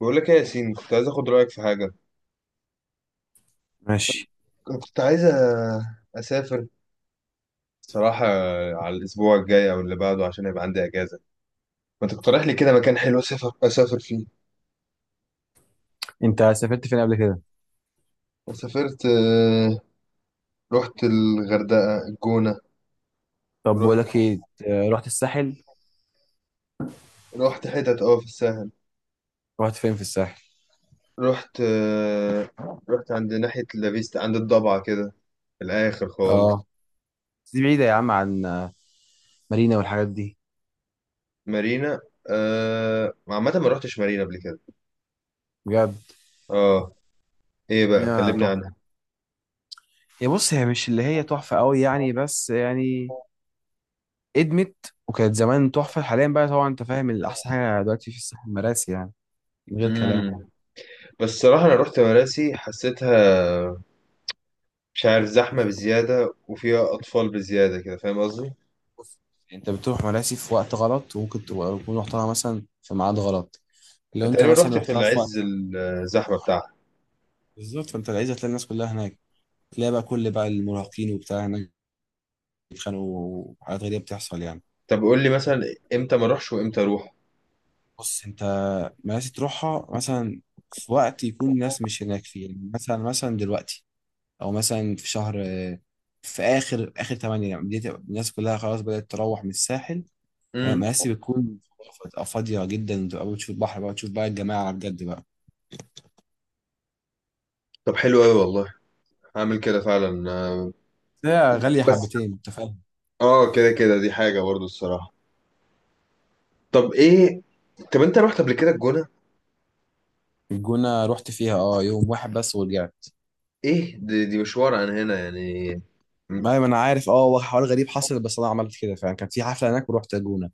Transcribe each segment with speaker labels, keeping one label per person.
Speaker 1: بقول لك ايه يا ياسين، كنت عايز اخد رايك في حاجه.
Speaker 2: ماشي.
Speaker 1: كنت عايز أ- اسافر صراحه على الاسبوع الجاي او اللي بعده عشان يبقى عندي اجازه. ما تقترح لي كده مكان حلو اسافر فيه؟
Speaker 2: انت سافرت فين قبل كده؟
Speaker 1: سافرت، رحت الغردقه، الجونه،
Speaker 2: طب بقول
Speaker 1: ورحت،
Speaker 2: لك ايه. رحت الساحل.
Speaker 1: رحت حتت في الساحل.
Speaker 2: رحت فين في الساحل؟
Speaker 1: رحت آه، رحت عند ناحيه لافيستا، عند الضبعه كده، في الاخر خالص.
Speaker 2: اه بس دي بعيده يا عم عن مارينا والحاجات دي.
Speaker 1: مارينا، عامه ما رحتش مارينا قبل كده.
Speaker 2: بجد؟
Speaker 1: اه، ايه بقى،
Speaker 2: مارينا
Speaker 1: كلمني
Speaker 2: تحفه. يا بص، هي مش اللي هي تحفه قوي يعني، بس يعني ادمت وكانت زمان تحفه. حاليا بقى طبعا انت فاهم الاحسن حاجه دلوقتي في الساحل مراسي يعني، من غير كلام.
Speaker 1: عنها. بس الصراحة أنا رحت مراسي، حسيتها، مش عارف، زحمة بزيادة وفيها أطفال بزيادة كده، فاهم قصدي؟
Speaker 2: بص، انت بتروح مراسي في وقت غلط، وممكن تبقى تكون رحتها مثلا في ميعاد غلط. لو
Speaker 1: أنا
Speaker 2: انت
Speaker 1: تقريبا
Speaker 2: مثلا
Speaker 1: رحت في
Speaker 2: رحتها في
Speaker 1: العز،
Speaker 2: وقت.
Speaker 1: الزحمة بتاعها.
Speaker 2: بالظبط، فانت العايز هتلاقي الناس كلها هناك، تلاقي بقى كل بقى المراهقين وبتاع هناك، بيتخانقوا وحاجات غريبة بتحصل يعني.
Speaker 1: طب قول لي مثلا إمتى ما أروحش وإمتى أروح؟
Speaker 2: بص انت، ماشي تروحها مثلا في وقت يكون الناس مش هناك فيه، يعني مثلا دلوقتي، او مثلا في شهر في اخر اخر 8، يعني بديت الناس كلها خلاص بدأت تروح من الساحل.
Speaker 1: امم
Speaker 2: مراسي بتكون، بتبقى فاضية جدا، وتبقى بتشوف البحر بقى، تشوف بقى الجماعة على بجد بقى.
Speaker 1: طب حلو أوي والله، هعمل كده فعلا.
Speaker 2: هي غالية
Speaker 1: بس
Speaker 2: حبتين انت فاهم.
Speaker 1: كده كده، دي حاجة برضو الصراحة. طب إيه، طب أنت رحت قبل كده الجونة؟
Speaker 2: الجونة رحت فيها اه يوم واحد بس ورجعت.
Speaker 1: إيه دي مشوار عن هنا يعني. مم.
Speaker 2: ما انا عارف، اه هو حوار غريب حصل، بس انا عملت كده فعلا، كان في حفلة هناك ورحت الجونة.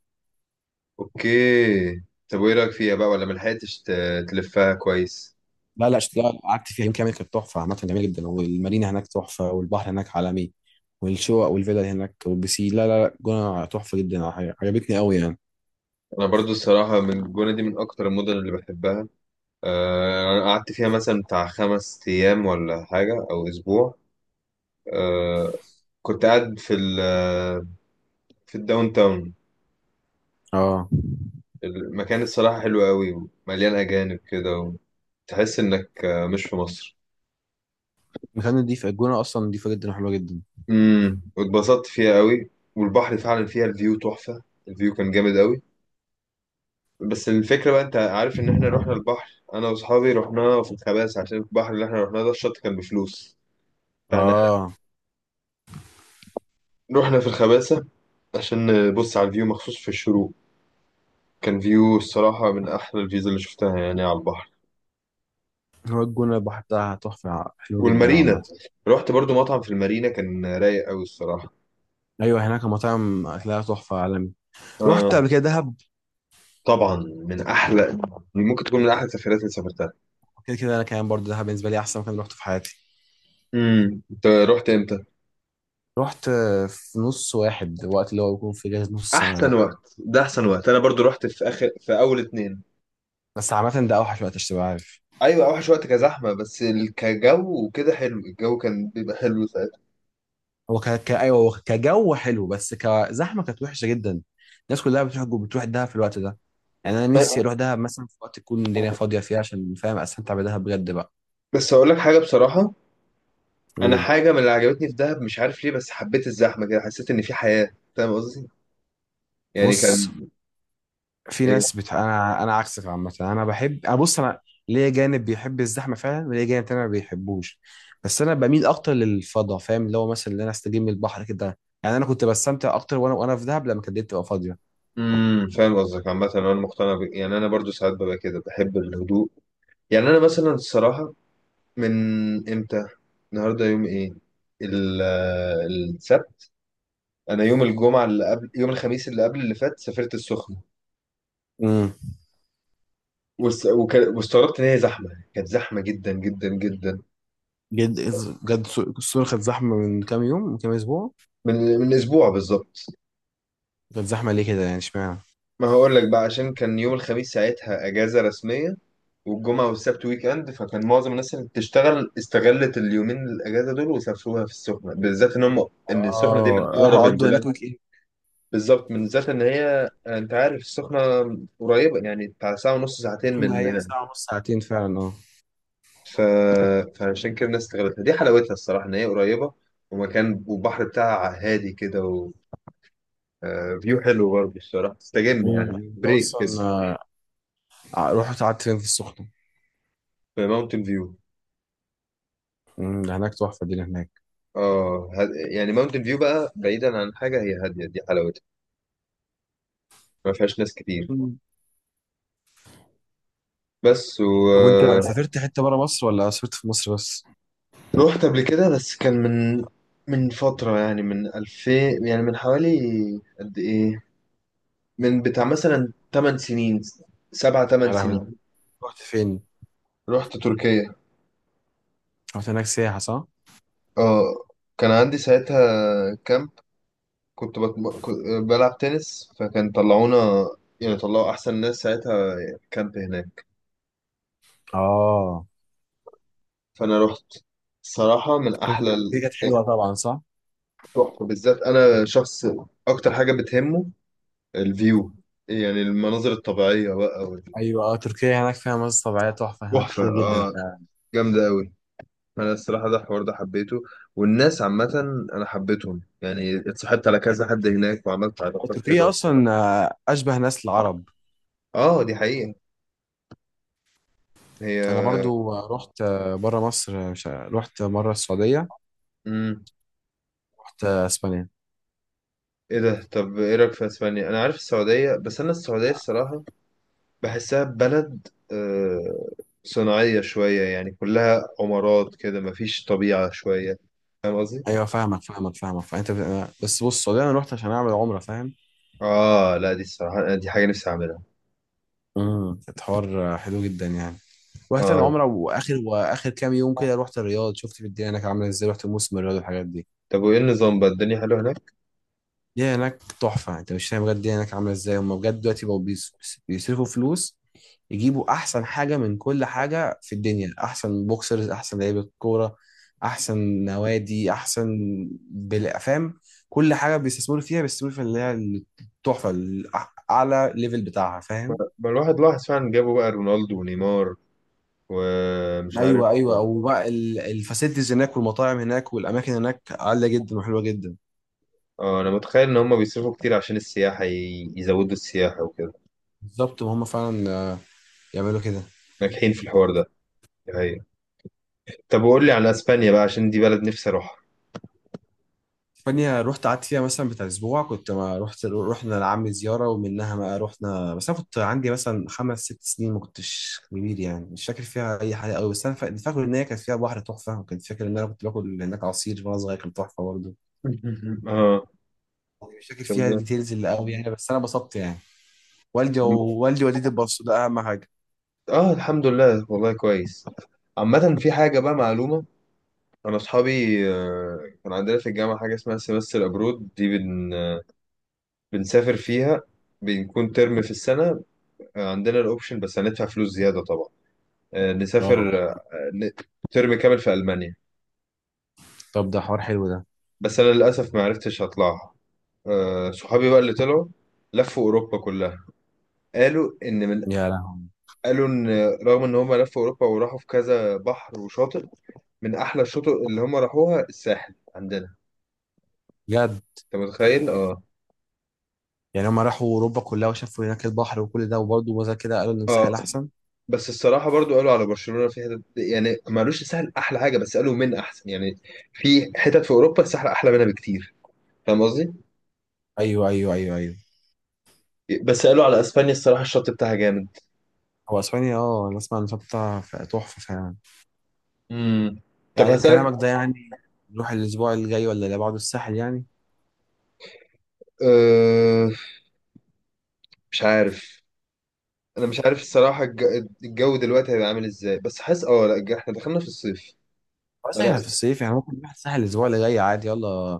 Speaker 1: أوكي، طب وإيه رأيك فيها بقى، ولا ملحقتش تلفها كويس؟
Speaker 2: لا لا لا، قعدت فيها يوم كامل، كانت تحفه عامه جميله جدا. والمارينا هناك تحفه، والبحر هناك عالمي، والشقق والفيلا اللي هناك والبسي. لا لا لا، الجونه تحفه جدا، عجبتني قوي يعني.
Speaker 1: انا برضو الصراحه، من الجونه دي، من اكتر المدن اللي بحبها. انا قعدت فيها مثلا بتاع خمس ايام ولا حاجه، او اسبوع. آه، كنت قاعد في الداون تاون.
Speaker 2: اه،
Speaker 1: المكان الصراحه حلو قوي، ومليان اجانب كده، وتحس انك مش في مصر.
Speaker 2: مكان نضيف الجونه، اصلا نضيفه جدا وحلوه جدا.
Speaker 1: واتبسطت فيها قوي، والبحر فعلا فيها الفيو تحفه، الفيو كان جامد قوي. بس الفكره بقى، انت عارف ان احنا رحنا البحر، انا واصحابي رحنا في الخباز، عشان البحر اللي احنا رحناه ده الشط كان بفلوس، فاحنا
Speaker 2: اه،
Speaker 1: رحنا في الخباسة عشان نبص على الفيو مخصوص في الشروق. كان فيو الصراحة من أحلى الفيوز اللي شفتها يعني على البحر.
Speaker 2: هو الجونه البحر بتاعها تحفه حلو جدا
Speaker 1: والمارينا،
Speaker 2: عامه.
Speaker 1: رحت برضو مطعم في المارينا كان رايق أوي الصراحة.
Speaker 2: ايوه، هناك المطاعم اكلها تحفه عالمي. رحت
Speaker 1: آه
Speaker 2: قبل كده دهب؟
Speaker 1: طبعا من أحلى، ممكن تكون من أحلى السفرات اللي سافرتها.
Speaker 2: كده كده انا كمان برضه دهب بالنسبه لي احسن مكان رحته في حياتي.
Speaker 1: أنت رحت إمتى؟
Speaker 2: رحت في نص واحد، وقت اللي هو بيكون في اجازه نص السنه
Speaker 1: أحسن
Speaker 2: ده.
Speaker 1: وقت ده، أحسن وقت. أنا برضو رحت في آخر، في أول اتنين.
Speaker 2: بس عامه ده اوحش وقت، عشان تبقى عارف.
Speaker 1: أيوة، أوحش وقت كزحمة، بس كجو وكده حلو، الجو كان بيبقى حلو ساعتها.
Speaker 2: هو ايوه، هو كجو حلو، بس كزحمه كانت وحشه جدا. الناس كلها بتروح دهب في الوقت ده. يعني انا
Speaker 1: بس
Speaker 2: نفسي اروح دهب مثلا في وقت تكون الدنيا فاضيه فيه، عشان فاهم استمتع بدهب بجد بقى.
Speaker 1: بس أقول لك حاجة بصراحة، انا
Speaker 2: قول.
Speaker 1: حاجه من اللي عجبتني في دهب، مش عارف ليه، بس حبيت الزحمه كده، حسيت ان في حياه، فاهم قصدي؟ يعني
Speaker 2: بص،
Speaker 1: كان.
Speaker 2: في
Speaker 1: إيه؟
Speaker 2: ناس انا عكسك. عامه انا بحب، انا بص، انا ليا جانب بيحب الزحمه فعلا، وليا جانب تاني ما بيحبوش. بس انا بميل اكتر للفضاء فاهم، اللي هو مثلا اللي انا استجم من البحر كده يعني، انا كنت بستمتع اكتر وانا في دهب لما كانت الدنيا تبقى فاضيه.
Speaker 1: فاهم قصدك. عامه انا مقتنع يعني انا برضو ساعات ببقى كده بحب الهدوء. يعني انا مثلا الصراحه، من امتى، النهارده يوم ايه، ال... السبت، انا يوم الجمعه اللي قبل، يوم الخميس اللي قبل اللي فات، سافرت السخنه.
Speaker 2: امم.
Speaker 1: واستغربت ان هي زحمه، كانت زحمه جدا جدا جدا.
Speaker 2: جد، بجد، الصور كانت زحمه من كام يوم من كام اسبوع.
Speaker 1: من اسبوع بالظبط.
Speaker 2: ده الزحمة ليه كده يعني، اشمعنى؟
Speaker 1: ما هقول لك بقى، عشان كان يوم الخميس ساعتها اجازه رسميه، والجمعه والسبت ويك اند، فكان معظم الناس اللي بتشتغل استغلت اليومين الاجازه دول وسافروها في السخنه، بالذات ان هم، ان السخنه دي من
Speaker 2: اه، راح
Speaker 1: اقرب
Speaker 2: اقضوا
Speaker 1: البلاد.
Speaker 2: هناك ويك اند.
Speaker 1: بالظبط، من ذات ان هي، انت عارف السخنه قريبه، يعني بتاع ساعه ونص، ساعتين
Speaker 2: كنا
Speaker 1: من
Speaker 2: هي ساعة ونص ساعتين فعلا، اه.
Speaker 1: ف... فعشان كده الناس استغلتها. دي حلاوتها الصراحه ان هي قريبه، ومكان، والبحر بتاعها هادي كده فيو حلو برضه الصراحه، تستجم يعني،
Speaker 2: مم. ده
Speaker 1: بريك كده.
Speaker 2: أصلا رحت قعدت فين في السخنة؟
Speaker 1: في ماونتن فيو.
Speaker 2: مم، ده هناك تحفة دي اللي هناك.
Speaker 1: اه، يعني ماونتن فيو بقى بعيدا عن حاجة، هي هادية، دي حلاوتها، ما فيهاش ناس كتير.
Speaker 2: مم.
Speaker 1: بس.
Speaker 2: طب وانت سافرت حته بره مصر ولا سافرت في مصر بس؟
Speaker 1: رحت قبل كده، بس كان من فترة، يعني من 2000، يعني من حوالي، قد ايه، من بتاع مثلا 8 سنين، سبعة 8
Speaker 2: يا لهوي،
Speaker 1: سنين.
Speaker 2: رحت فين؟
Speaker 1: رحت تركيا.
Speaker 2: رحت هناك سياحة صح؟
Speaker 1: اه، كان عندي ساعتها كامب، كنت بلعب تنس، فكان طلعونا، يعني طلعوا احسن ناس ساعتها كامب هناك،
Speaker 2: اه.
Speaker 1: فانا رحت. الصراحة من احلى
Speaker 2: تركيا كانت حلوة طبعا صح؟
Speaker 1: تحفة، بالذات أنا شخص أكتر حاجة بتهمه الفيو، يعني المناظر الطبيعية بقى
Speaker 2: ايوه اه، تركيا هناك فيها مناظر طبيعية تحفة هناك
Speaker 1: تحفة،
Speaker 2: كتير جدا
Speaker 1: جامدة أوي. أنا الصراحة ده الحوار ده حبيته، والناس عامة أنا حبيتهم، يعني اتصاحبت على كذا حد هناك، وعملت علاقات حلوة
Speaker 2: تركيا اصلا
Speaker 1: الصراحة.
Speaker 2: اشبه ناس العرب.
Speaker 1: آه، دي حقيقة.
Speaker 2: انا
Speaker 1: هي.
Speaker 2: برضو رحت بره مصر، رحت مرة السعودية.
Speaker 1: مم.
Speaker 2: رحت اسبانيا.
Speaker 1: إيه ده؟ طب إيه رأيك في أسبانيا؟ أنا عارف السعودية، بس أنا السعودية الصراحة بحسها بلد صناعية شوية، يعني كلها عمارات كده، مفيش طبيعة شوية، فاهم قصدي؟
Speaker 2: ايوه فاهمك فاهمك فاهمك، بس بص، والله انا رحت عشان اعمل عمره فاهم.
Speaker 1: اه لا، دي الصراحة دي حاجة نفسي اعملها.
Speaker 2: امم، الحوار حلو جدا يعني. رحت
Speaker 1: اه،
Speaker 2: العمره، واخر كام يوم كده رحت الرياض، شفت في الدنيا هناك عامله ازاي، رحت موسم الرياض والحاجات دي.
Speaker 1: طب وايه النظام بقى، الدنيا حلوة هناك؟
Speaker 2: الدنيا هناك تحفه، انت مش فاهم بجد الدنيا هناك عامله ازاي. هم بجد دلوقتي بقوا بيصرفوا فلوس، يجيبوا احسن حاجه من كل حاجه في الدنيا، احسن بوكسرز، احسن لعيبه كوره، احسن نوادي، احسن فاهم، كل حاجه بيستثمروا فيها، بيستثمروا في اللي هي التحفه، اعلى ليفل بتاعها فاهم.
Speaker 1: بقى الواحد لاحظ فعلا، جابوا بقى رونالدو ونيمار ومش عارف.
Speaker 2: ايوه ايوه، وبقى الفاسيلتيز هناك والمطاعم هناك والاماكن هناك عاليه جدا وحلوه جدا.
Speaker 1: اه، انا متخيل ان هم بيصرفوا كتير عشان السياحة، يزودوا السياحة وكده.
Speaker 2: بالظبط، وهم فعلا يعملوا كده.
Speaker 1: ناجحين في الحوار ده، دي حقيقة. طب وقول لي على اسبانيا بقى، عشان دي بلد نفسي اروحها.
Speaker 2: اسبانيا رحت قعدت فيها مثلا بتاع اسبوع، كنت ما رحت، رحنا لعمي زياره ومنها ما رحنا. بس انا كنت عندي مثلا 5 6 سنين، ما كنتش كبير يعني، مش فاكر فيها اي حاجه قوي. بس انا فاكر ان هي كانت فيها بحر تحفه، وكنت فاكر ان انا كنت باكل هناك عصير وانا صغير كان تحفه برضه.
Speaker 1: اه،
Speaker 2: يعني مش فاكر فيها
Speaker 1: طب-
Speaker 2: ديتيلز اللي قوي يعني، بس انا انبسطت يعني. والدي ووالدتي اتبسطوا، ده اهم حاجه.
Speaker 1: اه الحمد لله والله كويس. عامة في حاجة بقى معلومة، أنا أصحابي، كان عندنا في الجامعة حاجة اسمها سيمستر أبرود دي، بنسافر فيها، بنكون ترم في السنة، عندنا الأوبشن، بس هندفع فلوس زيادة طبعا، آه،
Speaker 2: اه.
Speaker 1: نسافر آه، ن- ترم كامل في ألمانيا.
Speaker 2: طب ده حوار حلو ده.
Speaker 1: بس أنا للأسف ما عرفتش أطلعها. صحابي بقى اللي طلعوا، لفوا أوروبا كلها. قالوا إن من
Speaker 2: يا لهوي،
Speaker 1: قالوا إن، رغم إن هم لفوا أوروبا وراحوا في كذا بحر وشاطئ، من أحلى الشطوط اللي هم راحوها الساحل عندنا.
Speaker 2: بجد؟
Speaker 1: أنت متخيل؟ آه.
Speaker 2: يعني هما راحوا اوروبا كلها وشافوا هناك البحر وكل ده، وبرضه وزي كده قالوا ان
Speaker 1: آه،
Speaker 2: الساحل احسن.
Speaker 1: بس الصراحة برضو قالوا على برشلونة في حتت، يعني ما قالوش السهل أحلى حاجة، بس قالوا من أحسن يعني. في حتت في أوروبا السهل أحلى منها بكتير، فاهم قصدي؟
Speaker 2: ايوه ايوه ايوه ايوه.
Speaker 1: بس قالوا على أسبانيا الصراحة الشط بتاعها جامد.
Speaker 2: هو اسبانيا اه، انا اسمع ان شطة تحفة فعلا.
Speaker 1: امم طب
Speaker 2: يعني
Speaker 1: هسألك.
Speaker 2: بكلامك ده يعني، نروح الاسبوع اللي جاي ولا اللي بعده الساحل يعني؟
Speaker 1: أه، مش عارف، أنا مش عارف الصراحة، الجو دلوقتي هيبقى عامل إزاي، بس حاسس لا، إحنا دخلنا في الصيف. ما
Speaker 2: بس
Speaker 1: لا،
Speaker 2: احنا في الصيف يعني، ممكن نروح الساحل الاسبوع اللي جاي عادي، يلا.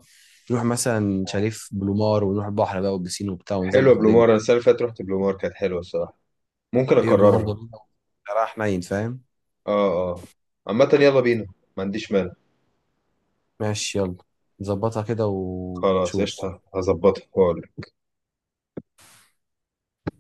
Speaker 2: نروح مثلا شاليه بلومار، ونروح البحر بقى والبسين وبتاع،
Speaker 1: حلوة
Speaker 2: ونظبط الدنيا.
Speaker 1: بلومار، أنا السنة اللي فاتت رحت بلومار، كانت حلوة الصراحة، ممكن
Speaker 2: ايوه، بلومار
Speaker 1: أكررها.
Speaker 2: ضروري. راح نايم فاهم.
Speaker 1: أه أه، عامة يلا بينا، ما عنديش مانع.
Speaker 2: ماشي يلا، نظبطها كده
Speaker 1: خلاص
Speaker 2: وشوف.
Speaker 1: قشطة، هظبطها.